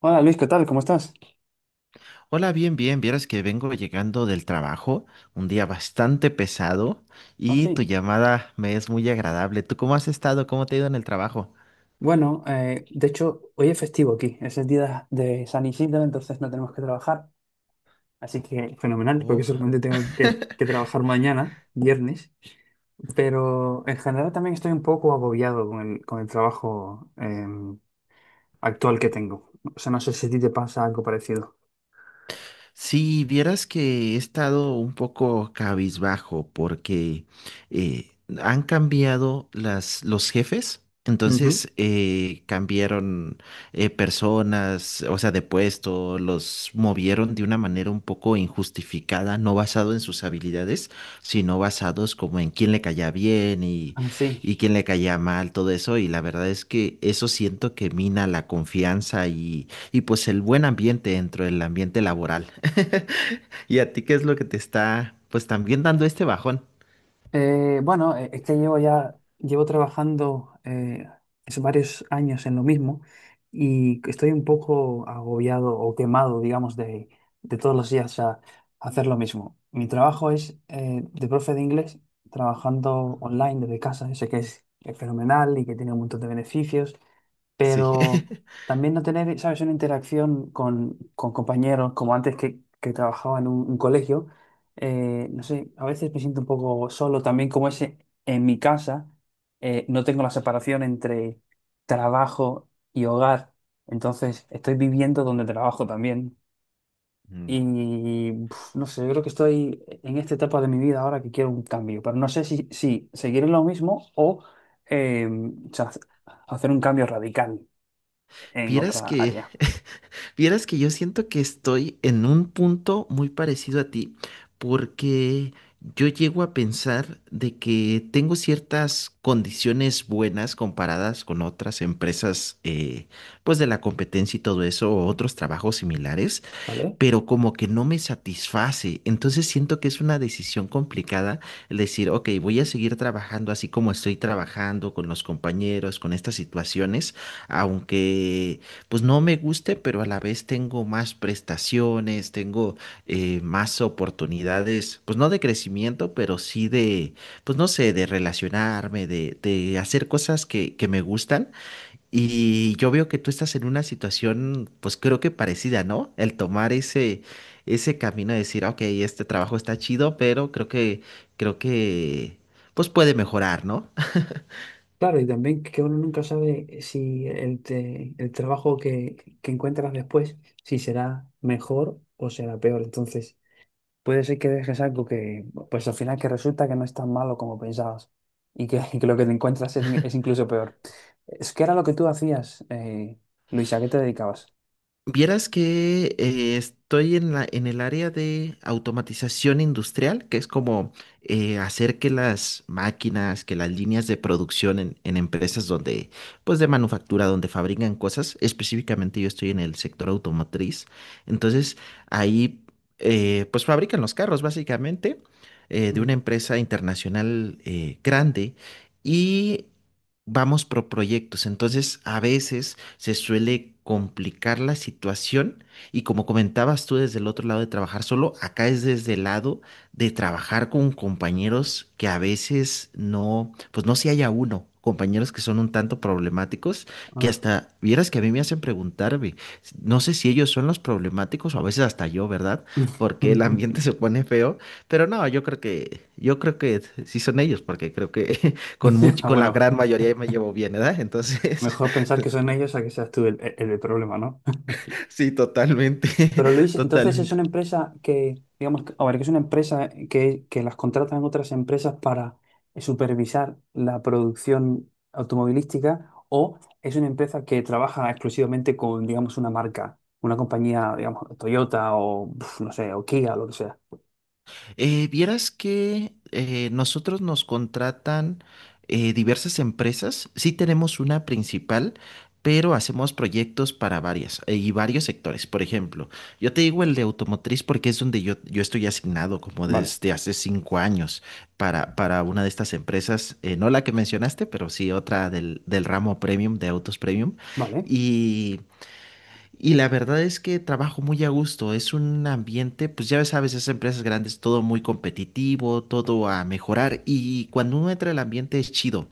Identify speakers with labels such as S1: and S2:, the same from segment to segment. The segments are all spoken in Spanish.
S1: Hola Luis, ¿qué tal? ¿Cómo estás?
S2: Hola, bien, bien. Vieras que vengo llegando del trabajo, un día bastante pesado
S1: Ah,
S2: y tu
S1: sí.
S2: llamada me es muy agradable. ¿Tú cómo has estado? ¿Cómo te ha ido en el trabajo?
S1: Bueno, de hecho, hoy es festivo aquí, es el día de San Isidro, entonces no tenemos que trabajar, así que fenomenal, porque solamente tengo que trabajar mañana, viernes, pero en general también estoy un poco agobiado con el trabajo actual que tengo. O sea, no sé si a ti te pasa algo parecido.
S2: Si vieras que he estado un poco cabizbajo porque eh, han cambiado los jefes,
S1: Ujú.
S2: entonces cambiaron personas, o sea, de puesto, los movieron de una manera un poco injustificada, no basado en sus habilidades, sino basados como en quién le caía bien y,
S1: Ah, sí.
S2: y quién le caía mal, todo eso, y la verdad es que eso siento que mina la confianza y pues el buen ambiente dentro del ambiente laboral. ¿Y a ti qué es lo que te está pues también dando este bajón?
S1: Bueno, es que llevo trabajando es varios años en lo mismo y estoy un poco agobiado o quemado, digamos, de todos los días a hacer lo mismo. Mi trabajo es de profe de inglés, trabajando online desde casa. Sé que es fenomenal y que tiene un montón de beneficios,
S2: Sí.
S1: pero también no tener, ¿sabes?, una interacción con compañeros, como antes que trabajaba en un colegio, no sé, a veces me siento un poco solo también, como ese, en mi casa, no tengo la separación entre trabajo y hogar, entonces estoy viviendo donde trabajo también.
S2: Mm.
S1: Y pf, no sé, yo creo que estoy en esta etapa de mi vida ahora que quiero un cambio, pero no sé si seguir en lo mismo eh, o sea, hacer un cambio radical en
S2: Vieras
S1: otra
S2: que,
S1: área.
S2: vieras que yo siento que estoy en un punto muy parecido a ti, porque yo llego a pensar de que tengo ciertas condiciones buenas comparadas con otras empresas, pues de la competencia y todo eso, o otros trabajos similares,
S1: ¿Vale?
S2: pero como que no me satisface. Entonces siento que es una decisión complicada el decir, ok, voy a seguir trabajando así como estoy trabajando con los compañeros, con estas situaciones, aunque pues no me guste, pero a la vez tengo más prestaciones, tengo más oportunidades, pues no de crecimiento, pero sí de, pues no sé, de relacionarme, de hacer cosas que me gustan y yo veo que tú estás en una situación, pues creo que parecida, ¿no? El tomar ese, ese camino de decir, ok, este trabajo está chido, pero creo que, pues puede mejorar, ¿no?
S1: Claro, y también que uno nunca sabe si el trabajo que encuentras después, si será mejor o será peor. Entonces, puede ser que dejes algo que, pues al final que resulta que no es tan malo como pensabas y que, y que lo que te encuentras es incluso peor. Es que era lo que tú hacías, Luisa, ¿a qué te dedicabas?
S2: Vieras que estoy en la, en el área de automatización industrial, que es como hacer que las máquinas, que las líneas de producción en empresas donde, pues de manufactura, donde fabrican cosas, específicamente yo estoy en el sector automotriz, entonces ahí pues fabrican los carros básicamente de una
S1: Mm,
S2: empresa internacional grande y vamos por proyectos, entonces a veces se suele complicar la situación y como comentabas tú desde el otro lado de trabajar solo, acá es desde el lado de trabajar con compañeros que a veces no, pues no si haya uno. Compañeros que son un tanto problemáticos, que
S1: ah.
S2: hasta vieras que a mí me hacen preguntarme, no sé si ellos son los problemáticos o a veces hasta yo, ¿verdad? Porque el ambiente se pone feo, pero no, yo creo que sí son ellos, porque creo que
S1: Ya,
S2: con la
S1: bueno,
S2: gran mayoría me llevo bien, ¿verdad? Entonces,
S1: mejor pensar que
S2: te-
S1: son ellos a que seas tú el problema, ¿no?
S2: Sí, totalmente,
S1: Pero Luis, entonces es
S2: totalmente.
S1: una empresa que, digamos, a ver, que es una empresa que las contratan otras empresas para supervisar la producción automovilística o es una empresa que trabaja exclusivamente con, digamos, una marca, una compañía, digamos, Toyota o, pf, no sé, o Kia, lo que sea.
S2: Vieras que nosotros nos contratan diversas empresas. Sí tenemos una principal, pero hacemos proyectos para varias y varios sectores. Por ejemplo, yo te digo el de automotriz porque es donde yo estoy asignado como
S1: Vale,
S2: desde hace 5 años para una de estas empresas, no la que mencionaste, pero sí otra del ramo premium, de autos premium.
S1: vale.
S2: Y... Y la verdad es que trabajo muy a gusto. Es un ambiente, pues ya sabes, esas empresas grandes, todo muy competitivo, todo a mejorar. Y cuando uno entra al ambiente es chido.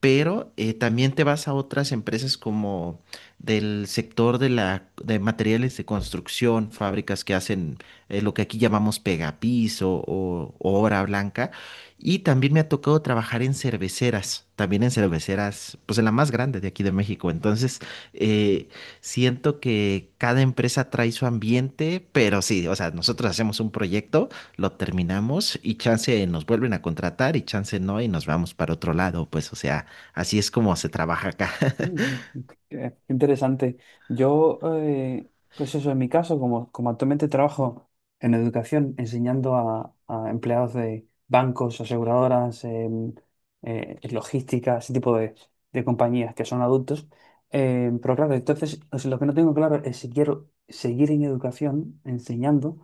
S2: Pero también te vas a otras empresas como del sector de materiales de construcción, fábricas que hacen lo que aquí llamamos pegapiso o obra blanca. Y también me ha tocado trabajar en cerveceras, también en cerveceras, pues en la más grande de aquí de México. Entonces, eh, Siento que cada empresa trae su ambiente, pero sí, o sea, nosotros hacemos un proyecto, lo terminamos y chance nos vuelven a contratar y chance no y nos vamos para otro lado, pues, o sea, así es como se trabaja acá.
S1: Mm, ok, qué interesante. Yo, pues eso, en mi caso, como actualmente trabajo en educación, enseñando a empleados de bancos, aseguradoras, logística, ese tipo de compañías que son adultos. Pero claro, entonces, o sea, lo que no tengo claro es si quiero seguir en educación, enseñando,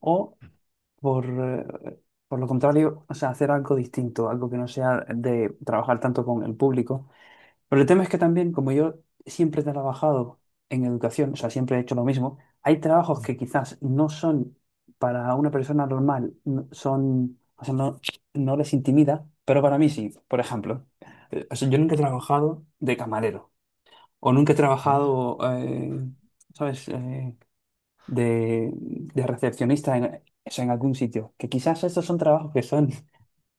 S1: o por, eh, por lo contrario, o sea, hacer algo distinto, algo que no sea de trabajar tanto con el público. Pero el tema es que también, como yo siempre he trabajado en educación, o sea, siempre he hecho lo mismo, hay trabajos
S2: Ujú.
S1: que quizás no son para una persona normal, son, o sea, no, no les intimida, pero para mí sí. Por ejemplo, o sea, yo nunca he trabajado de camarero o nunca he
S2: Oh.
S1: trabajado, ¿sabes?, de recepcionista en, o sea, en algún sitio. Que quizás estos son trabajos que son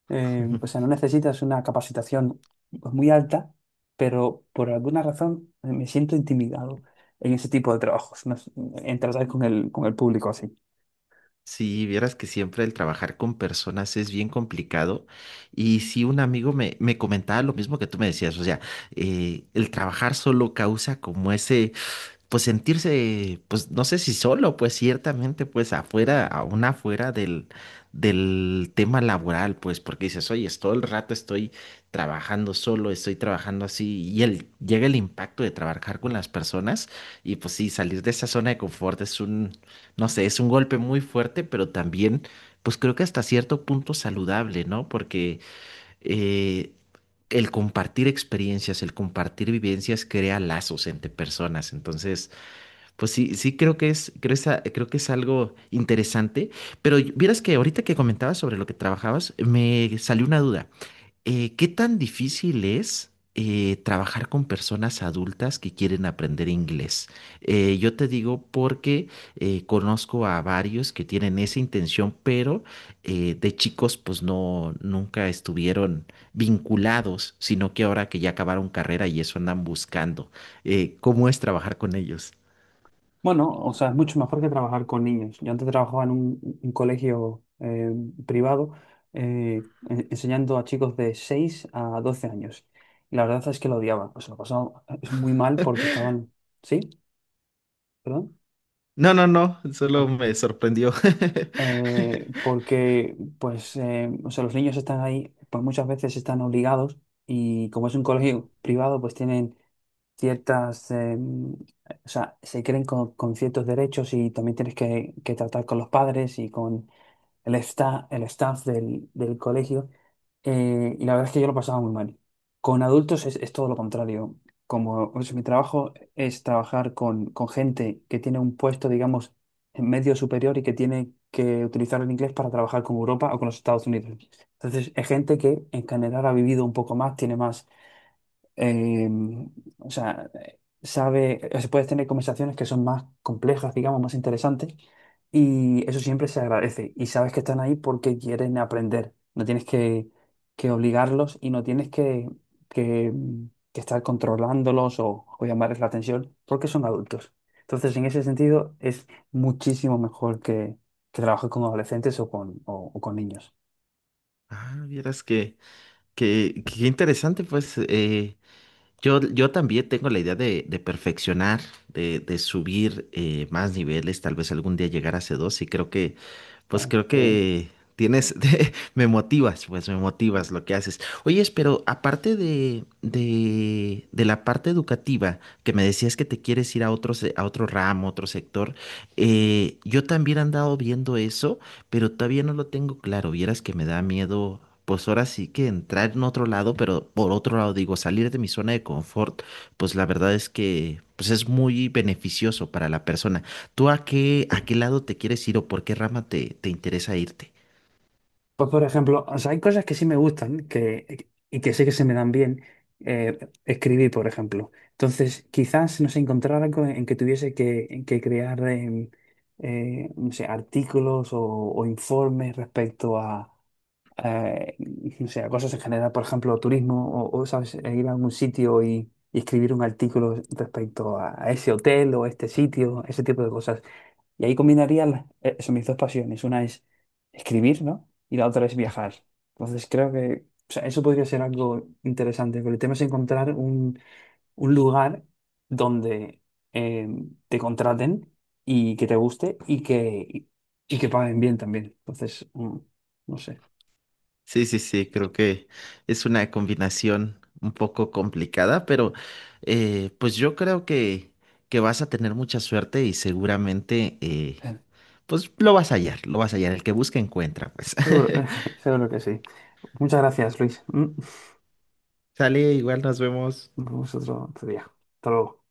S1: o sea, no necesitas una capacitación pues, muy alta, pero por alguna razón me siento intimidado en ese tipo de trabajos, no sé, en tratar con con el público así.
S2: Sí, vieras que siempre el trabajar con personas es bien complicado. Y si un amigo me comentaba lo mismo que tú me decías, o sea, el trabajar solo causa como ese pues sentirse, pues no sé si solo, pues ciertamente, pues afuera, aún afuera del tema laboral, pues porque dices, oye, es todo el rato estoy trabajando solo, estoy trabajando así, y el, llega el impacto de trabajar con las personas, y pues sí, salir de esa zona de confort es un, no sé, es un golpe muy fuerte, pero también, pues creo que hasta cierto punto saludable, ¿no? Porque eh, el compartir experiencias, el compartir vivencias crea lazos entre personas, entonces... Pues sí, sí creo que es, creo, creo que es algo interesante, pero vieras que ahorita que comentabas sobre lo que trabajabas, me salió una duda. ¿Qué tan difícil es trabajar con personas adultas que quieren aprender inglés? Yo te digo porque conozco a varios que tienen esa intención, pero de chicos pues no, nunca estuvieron vinculados, sino que ahora que ya acabaron carrera y eso andan buscando. ¿Cómo es trabajar con ellos?
S1: Bueno, o sea, es mucho mejor que trabajar con niños. Yo antes trabajaba en un colegio privado enseñando a chicos de 6 a 12 años. Y la verdad es que lo odiaba. O sea, lo pasaba es muy mal porque estaban... ¿Sí? ¿Perdón?
S2: No, no, no,
S1: Ah.
S2: solo me sorprendió.
S1: Porque pues, o sea, los niños están ahí, pues muchas veces están obligados y como es un colegio privado, pues tienen ciertas, o sea, se creen con ciertos derechos y también tienes que tratar con los padres y con, el staff del colegio, y la verdad es que yo lo pasaba muy mal. Con adultos es todo lo contrario. Como o sea, mi trabajo es trabajar con gente que tiene un puesto, digamos, en medio superior y que tiene que utilizar el inglés para trabajar con Europa o con los Estados Unidos. Entonces, es gente que en general ha vivido un poco más, tiene más eh, o sea, sabe, o sea, puedes tener conversaciones que son más complejas, digamos, más interesantes, y eso siempre se agradece. Y sabes que están ahí porque quieren aprender. No tienes que obligarlos y no tienes que, mm, que estar controlándolos o llamarles la atención porque son adultos. Entonces, en ese sentido, es muchísimo mejor que trabajes con adolescentes o con niños.
S2: Ah, vieras que, interesante, pues yo también tengo la idea de perfeccionar, de subir más niveles, tal vez algún día llegar a C2 y creo que pues
S1: ¿Eh?
S2: creo
S1: Qué bien.
S2: que tienes, me motivas, pues me motivas lo que haces. Oye, pero aparte de la parte educativa, que me decías que te quieres ir a otro ramo, otro sector, yo también he andado viendo eso, pero todavía no lo tengo claro. Vieras que me da miedo, pues ahora sí que entrar en otro lado, pero por otro lado digo, salir de mi zona de confort, pues la verdad es que pues es muy beneficioso para la persona. ¿Tú a qué lado te quieres ir o por qué rama te interesa irte?
S1: Pues por ejemplo, o sea, hay cosas que sí me gustan que, y que sé que se me dan bien eh, escribir, por ejemplo. Entonces, quizás no sé, encontrar algo en que tuviese que crear no sé, artículos o informes respecto a, eh, no sé, a cosas en general, por ejemplo, turismo o, ¿sabes? E ir a algún sitio y escribir un artículo respecto a ese hotel o a este sitio, ese tipo de cosas. Y ahí combinaría eso, mis dos pasiones. Una es escribir, ¿no? Y la otra es viajar. Entonces creo que o sea, eso podría ser algo interesante, pero el tema es encontrar un lugar donde eh, te contraten y que te guste y que paguen bien también. Entonces, mm, no sé.
S2: Sí, sí, sí, creo que es una combinación un poco complicada, pero pues yo creo que vas a tener mucha suerte y seguramente
S1: Eh,
S2: pues lo vas a hallar, lo vas a hallar. El que busca encuentra, pues.
S1: Seguro, seguro que sí. Muchas gracias, Luis. Mm,
S2: Sale, igual nos vemos.
S1: nos vemos otro día. Hasta luego.